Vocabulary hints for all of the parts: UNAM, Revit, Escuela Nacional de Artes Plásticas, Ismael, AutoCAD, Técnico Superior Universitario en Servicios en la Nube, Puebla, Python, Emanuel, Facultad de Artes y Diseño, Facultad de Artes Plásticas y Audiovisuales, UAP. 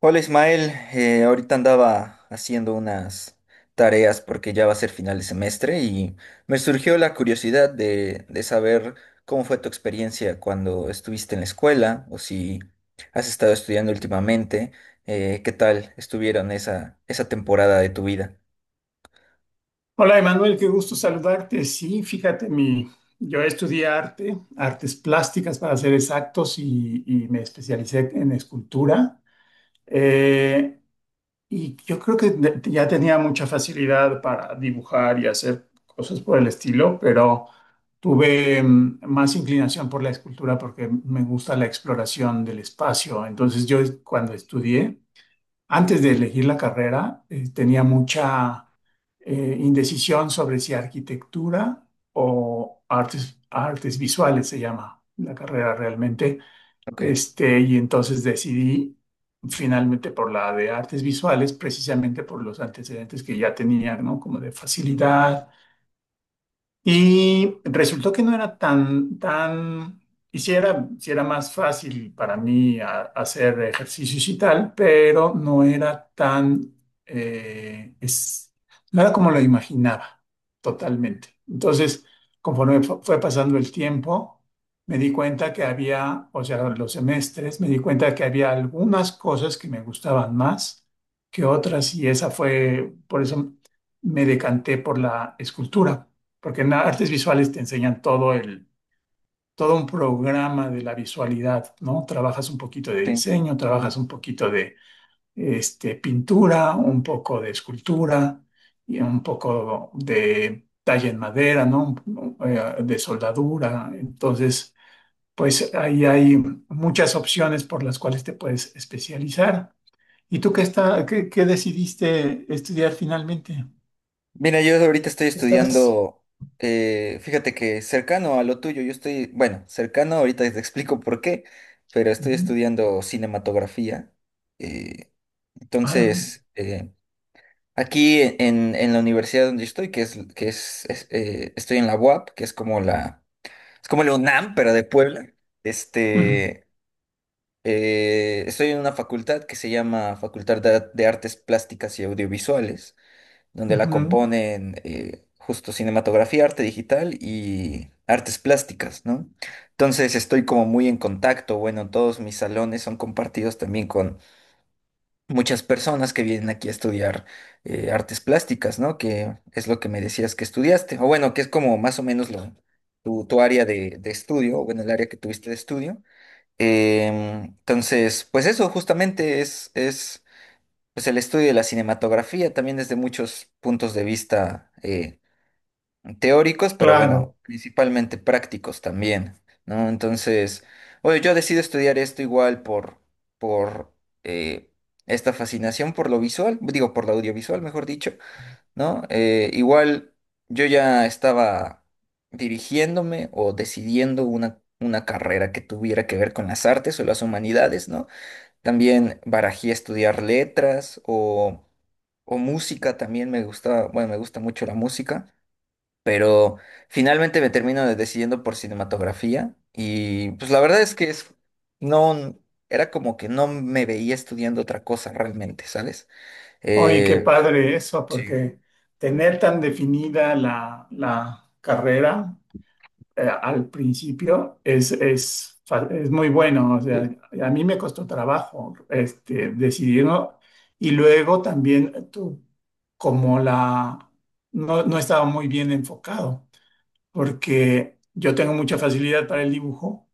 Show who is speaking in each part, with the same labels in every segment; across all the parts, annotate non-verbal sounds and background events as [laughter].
Speaker 1: Hola, Ismael. Ahorita andaba haciendo unas tareas porque ya va a ser final de semestre y me surgió la curiosidad de saber cómo fue tu experiencia cuando estuviste en la escuela o si has estado estudiando últimamente. Qué tal estuvieron esa temporada de tu vida.
Speaker 2: Hola, Emanuel, qué gusto saludarte. Sí, fíjate, yo estudié artes plásticas para ser exactos, y me especialicé en escultura. Eh, y yo creo que ya tenía mucha facilidad para dibujar y hacer cosas por el estilo, pero tuve más inclinación por la escultura porque me gusta la exploración del espacio. Entonces yo cuando estudié antes de elegir la carrera, tenía mucha indecisión sobre si arquitectura o artes visuales se llama la carrera realmente.
Speaker 1: Ok,
Speaker 2: Y entonces decidí finalmente por la de artes visuales, precisamente por los antecedentes que ya tenía, ¿no? Como de facilidad y resultó que no era y sí era más fácil para mí hacer ejercicios y tal, pero no era tan, eh, es, no era como lo imaginaba totalmente. Entonces, conforme fue pasando el tiempo, me di cuenta que había, o sea, los semestres, me di cuenta que había algunas cosas que me gustaban más que otras, y esa fue, por eso me decanté por la escultura porque en artes visuales te enseñan todo un programa de la visualidad, ¿no? Trabajas un poquito de
Speaker 1: sí.
Speaker 2: diseño, trabajas un poquito de pintura, un poco de escultura y un poco de talla en madera, ¿no? De soldadura. Entonces, pues ahí hay muchas opciones por las cuales te puedes especializar. ¿Y tú qué decidiste estudiar finalmente?
Speaker 1: Mira, yo ahorita estoy
Speaker 2: Estás.
Speaker 1: estudiando, fíjate que cercano a lo tuyo, yo estoy, bueno, cercano, ahorita te explico por qué, pero estoy
Speaker 2: Ujú.
Speaker 1: estudiando cinematografía. eh,
Speaker 2: Ah, no.
Speaker 1: entonces, eh, Aquí en la universidad donde estoy, estoy en la UAP, que es como es como la UNAM, pero de Puebla. este, Estoy en una facultad que se llama Facultad de Artes Plásticas y Audiovisuales, donde la
Speaker 2: Ujú.
Speaker 1: componen justo cinematografía, arte digital y artes plásticas, ¿no? Entonces estoy como muy en contacto, bueno, todos mis salones son compartidos también con muchas personas que vienen aquí a estudiar artes plásticas, ¿no? Que es lo que me decías que estudiaste, o bueno, que es como más o menos tu área de estudio, o bueno, el área que tuviste de estudio. Entonces, pues eso justamente es pues el estudio de la cinematografía también desde muchos puntos de vista teóricos, pero bueno,
Speaker 2: Claro,
Speaker 1: principalmente prácticos también, ¿no? Entonces, oye, yo decido estudiar esto igual por eh, esta fascinación por lo visual, digo, por lo audiovisual, mejor dicho, ¿no? Igual yo ya estaba dirigiéndome o decidiendo una carrera que tuviera que ver con las artes o las humanidades, ¿no? También barajé estudiar letras o música, también me gusta, bueno, me gusta mucho la música, pero finalmente me decidiendo por cinematografía y pues la verdad es que es, no, era como que no me veía estudiando otra cosa realmente, ¿sabes?
Speaker 2: oye, qué
Speaker 1: Eh,
Speaker 2: padre eso,
Speaker 1: Sí,
Speaker 2: porque tener tan definida la carrera al principio es muy bueno. O sea, a mí me costó trabajo decidirlo y luego también como la, no estaba muy bien enfocado. Porque yo tengo mucha facilidad para el dibujo,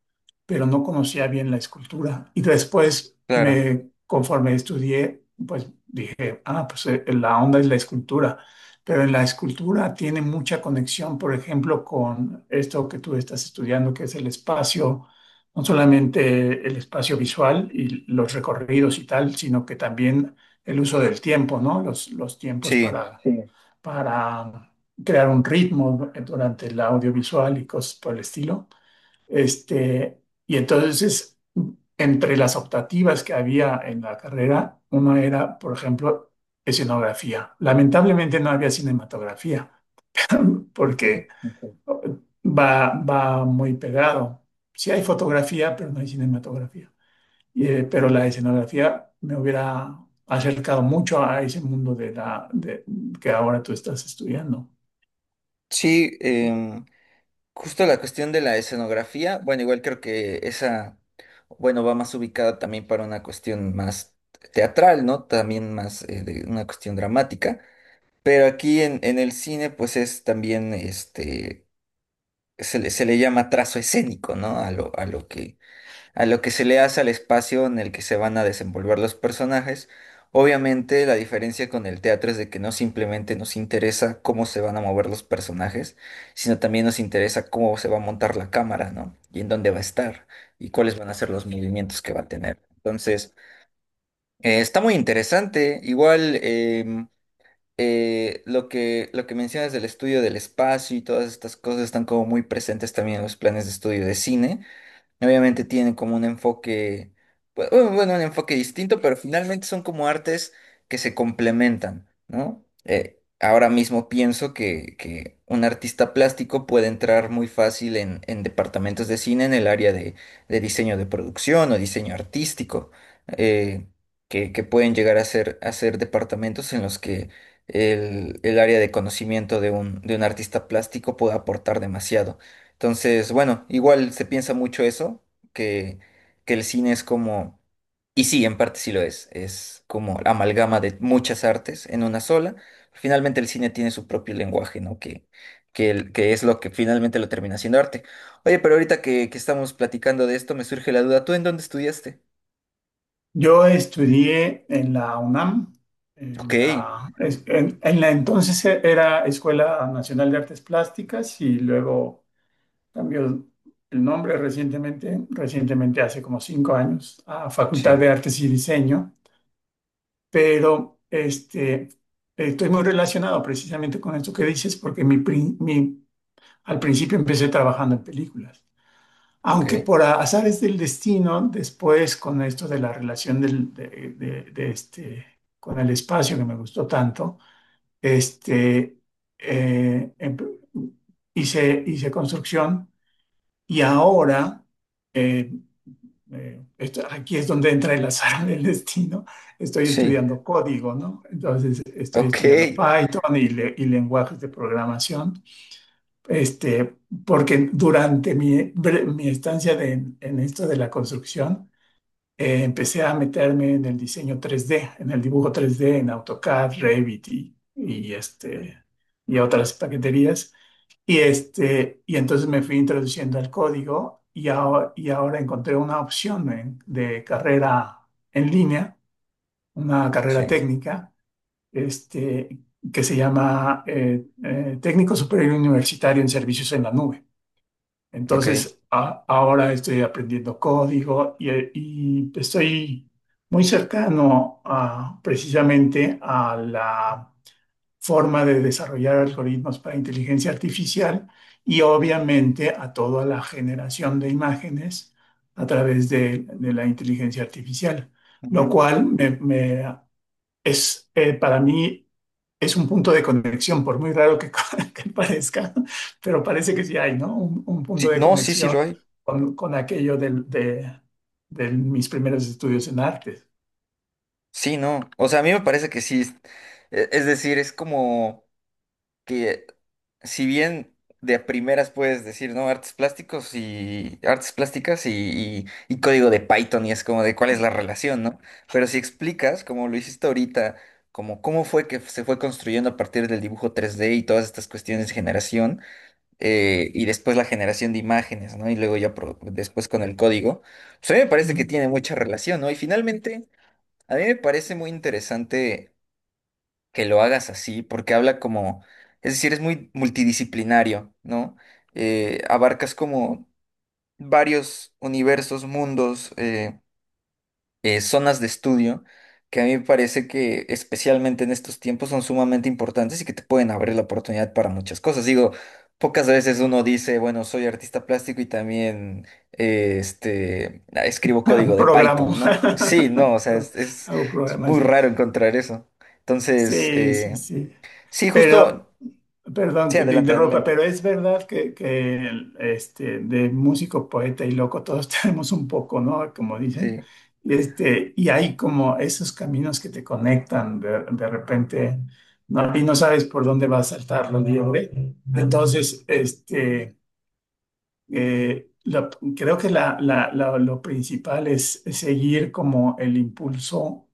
Speaker 2: pero no conocía bien la escultura. Y después,
Speaker 1: claro,
Speaker 2: conforme estudié, pues dije, ah, pues la onda es la escultura. Pero en la escultura tiene mucha conexión, por ejemplo, con esto que tú estás estudiando, que es el espacio, no solamente el espacio visual y los recorridos y tal, sino que también el uso del tiempo, ¿no? Los tiempos
Speaker 1: sí,
Speaker 2: para, sí, para crear un ritmo durante el audiovisual y cosas por el estilo. Y entonces, entre las optativas que había en la carrera, una era, por ejemplo, escenografía. Lamentablemente no había cinematografía,
Speaker 1: ok.
Speaker 2: porque Ok. Va, va muy pegado. Sí hay fotografía, pero no hay cinematografía. Pero la escenografía me hubiera acercado mucho a ese mundo de que ahora tú estás estudiando.
Speaker 1: Sí. Justo la cuestión de la escenografía, bueno, igual creo que esa, bueno, va más ubicada también para una cuestión más teatral, ¿no? También más de una cuestión dramática, pero aquí en el cine pues es también, este, se le llama trazo escénico, ¿no? A lo que a lo que se le hace al espacio en el que se van a desenvolver los personajes. Obviamente la diferencia con el teatro es de que no simplemente nos interesa cómo se van a mover los personajes, sino también nos interesa cómo se va a montar la cámara, ¿no? Y en dónde va a estar y cuáles van a ser los movimientos que va a tener. Entonces, está muy interesante. Igual, lo lo que mencionas del estudio del espacio y todas estas cosas están como muy presentes también en los planes de estudio de cine. Obviamente tienen como un enfoque, bueno, un enfoque distinto, pero finalmente son como artes que se complementan, ¿no? Ahora mismo pienso que un artista plástico puede entrar muy fácil en departamentos de cine en el área de diseño de producción o diseño artístico, eh, que pueden llegar a ser departamentos en los que el área de conocimiento de de un artista plástico puede aportar demasiado. Entonces, bueno, igual se piensa mucho eso, que, que el cine es como, y sí, en parte sí lo es como la amalgama de muchas artes en una sola. Finalmente el cine tiene su propio lenguaje, ¿no? Que es lo que finalmente lo termina siendo arte. Oye, pero ahorita que estamos platicando de esto, me surge la duda, ¿tú en dónde estudiaste?
Speaker 2: Yo estudié en la UNAM,
Speaker 1: Ok,
Speaker 2: en la entonces era Escuela Nacional de Artes Plásticas y luego cambió el nombre recientemente, recientemente hace como cinco años, a Facultad
Speaker 1: sí,
Speaker 2: de Artes y Diseño, pero este, estoy muy relacionado precisamente con esto que dices porque mi, al principio empecé trabajando en películas.
Speaker 1: ok,
Speaker 2: Aunque por azares del destino, después con esto de la relación de- de este, con el espacio que me gustó tanto, este, eh, em- hice construcción y ahora, eh, aquí es donde entra el azar del destino, estoy
Speaker 1: sí,
Speaker 2: estudiando código, ¿no? Entonces estoy
Speaker 1: ok,
Speaker 2: estudiando Python y y lenguajes de programación este, porque durante mi, mi estancia en esto de la construcción, empecé a meterme en el diseño tres d en el dibujo tres d en AutoCAD, Revit y otras paqueterías. Y entonces me fui introduciendo al código y ahora encontré una opción de carrera en línea, una
Speaker 1: sí,
Speaker 2: carrera técnica, este, que se llama Técnico Superior Universitario en Servicios en la Nube.
Speaker 1: ok.
Speaker 2: Entonces, ahora estoy aprendiendo código y estoy muy cercano a, precisamente a la forma de desarrollar algoritmos para inteligencia artificial y obviamente a toda la generación de imágenes a través de la inteligencia artificial, lo
Speaker 1: Ujú.
Speaker 2: cual me- me- es para mí es un punto de conexión, por muy raro que, [laughs] que parezca, pero parece que sí hay, ¿no? Un punto
Speaker 1: Sí,
Speaker 2: de
Speaker 1: no, sí, sí
Speaker 2: conexión
Speaker 1: lo hay.
Speaker 2: con aquello de mis primeros estudios en arte.
Speaker 1: Sí, no. O sea, a mí me parece que sí. Es es decir, es como que si bien de a primeras puedes decir, ¿no? Artes plásticos y artes plásticas y y código de Python y es como de cuál es la relación, ¿no? Pero si explicas, como lo hiciste ahorita, como cómo fue que se fue construyendo a partir del dibujo tres d y todas estas cuestiones de generación y después la generación de imágenes, ¿no? Y luego ya después con el código. Pues a mí me parece que tiene
Speaker 2: [laughs]
Speaker 1: mucha relación, ¿no? Y finalmente... A mí me parece muy interesante que lo hagas así, porque habla como, es decir, es muy multidisciplinario, ¿no? Abarcas como varios universos, mundos, zonas de estudio que a mí me parece que especialmente en estos tiempos son sumamente importantes y que te pueden abrir la oportunidad para muchas cosas. Digo, pocas veces uno dice, bueno, soy artista plástico y también ah, escribo código de Python,
Speaker 2: Programo,
Speaker 1: ¿no? Sí, no, o
Speaker 2: [laughs]
Speaker 1: sea,
Speaker 2: Pro- hago
Speaker 1: es muy
Speaker 2: programación.
Speaker 1: raro encontrar eso. Entonces,
Speaker 2: Sí, sí, sí.
Speaker 1: sí,
Speaker 2: Pero,
Speaker 1: justo,
Speaker 2: perdón
Speaker 1: sí,
Speaker 2: que te
Speaker 1: adelante,
Speaker 2: interrumpa, pero
Speaker 1: adelante.
Speaker 2: es verdad que el, este, de músico, poeta y loco todos [laughs] tenemos un poco, ¿no? Como dicen.
Speaker 1: Sí,
Speaker 2: Este, y hay como esos caminos que te conectan de repente, ¿no? Y no sabes por dónde va a saltar la liebre. Entonces, este... Eh, la- creo que lo principal es seguir como el impulso,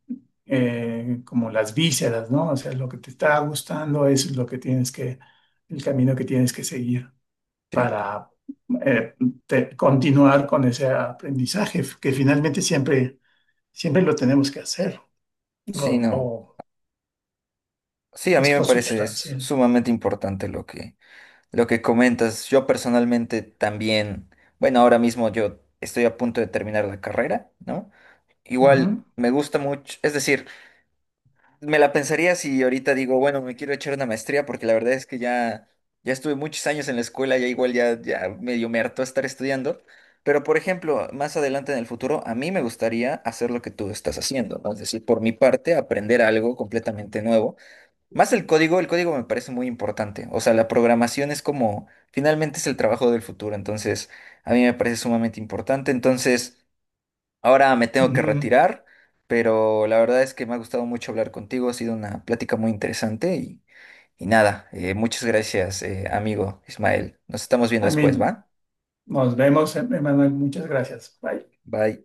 Speaker 2: como las vísceras, ¿no? O sea, lo que te está gustando es lo que tienes que, el camino que tienes que seguir
Speaker 1: sí,
Speaker 2: para eh, continuar con ese aprendizaje, que finalmente siempre, siempre lo tenemos que hacer,
Speaker 1: sí, no.
Speaker 2: o
Speaker 1: Sí, a
Speaker 2: es
Speaker 1: mí me parece es
Speaker 2: consustancial.
Speaker 1: sumamente importante lo que lo que comentas. Yo personalmente también, bueno, ahora mismo yo estoy a punto de terminar la carrera, ¿no? Igual
Speaker 2: Ujú,
Speaker 1: me gusta mucho, es decir, me la pensaría si ahorita digo, bueno, me quiero echar una maestría porque la verdad es que ya estuve muchos años en la escuela, ya igual ya medio me hartó estar estudiando, pero por ejemplo, más adelante en el futuro a mí me gustaría hacer lo que tú estás haciendo, ¿no? Es decir, por mi parte aprender algo completamente nuevo, más el código. El código me parece muy importante. O sea, la programación es como, finalmente es el trabajo del futuro, entonces a mí me parece sumamente importante. Entonces, ahora me tengo que
Speaker 2: ujú.
Speaker 1: retirar, pero la verdad es que me ha gustado mucho hablar contigo, ha sido una plática muy interesante y nada, muchas gracias, amigo Ismael. Nos estamos viendo
Speaker 2: A
Speaker 1: después,
Speaker 2: mí,
Speaker 1: ¿va?
Speaker 2: nos vemos, Emanuel, muchas gracias. Bye.
Speaker 1: Bye.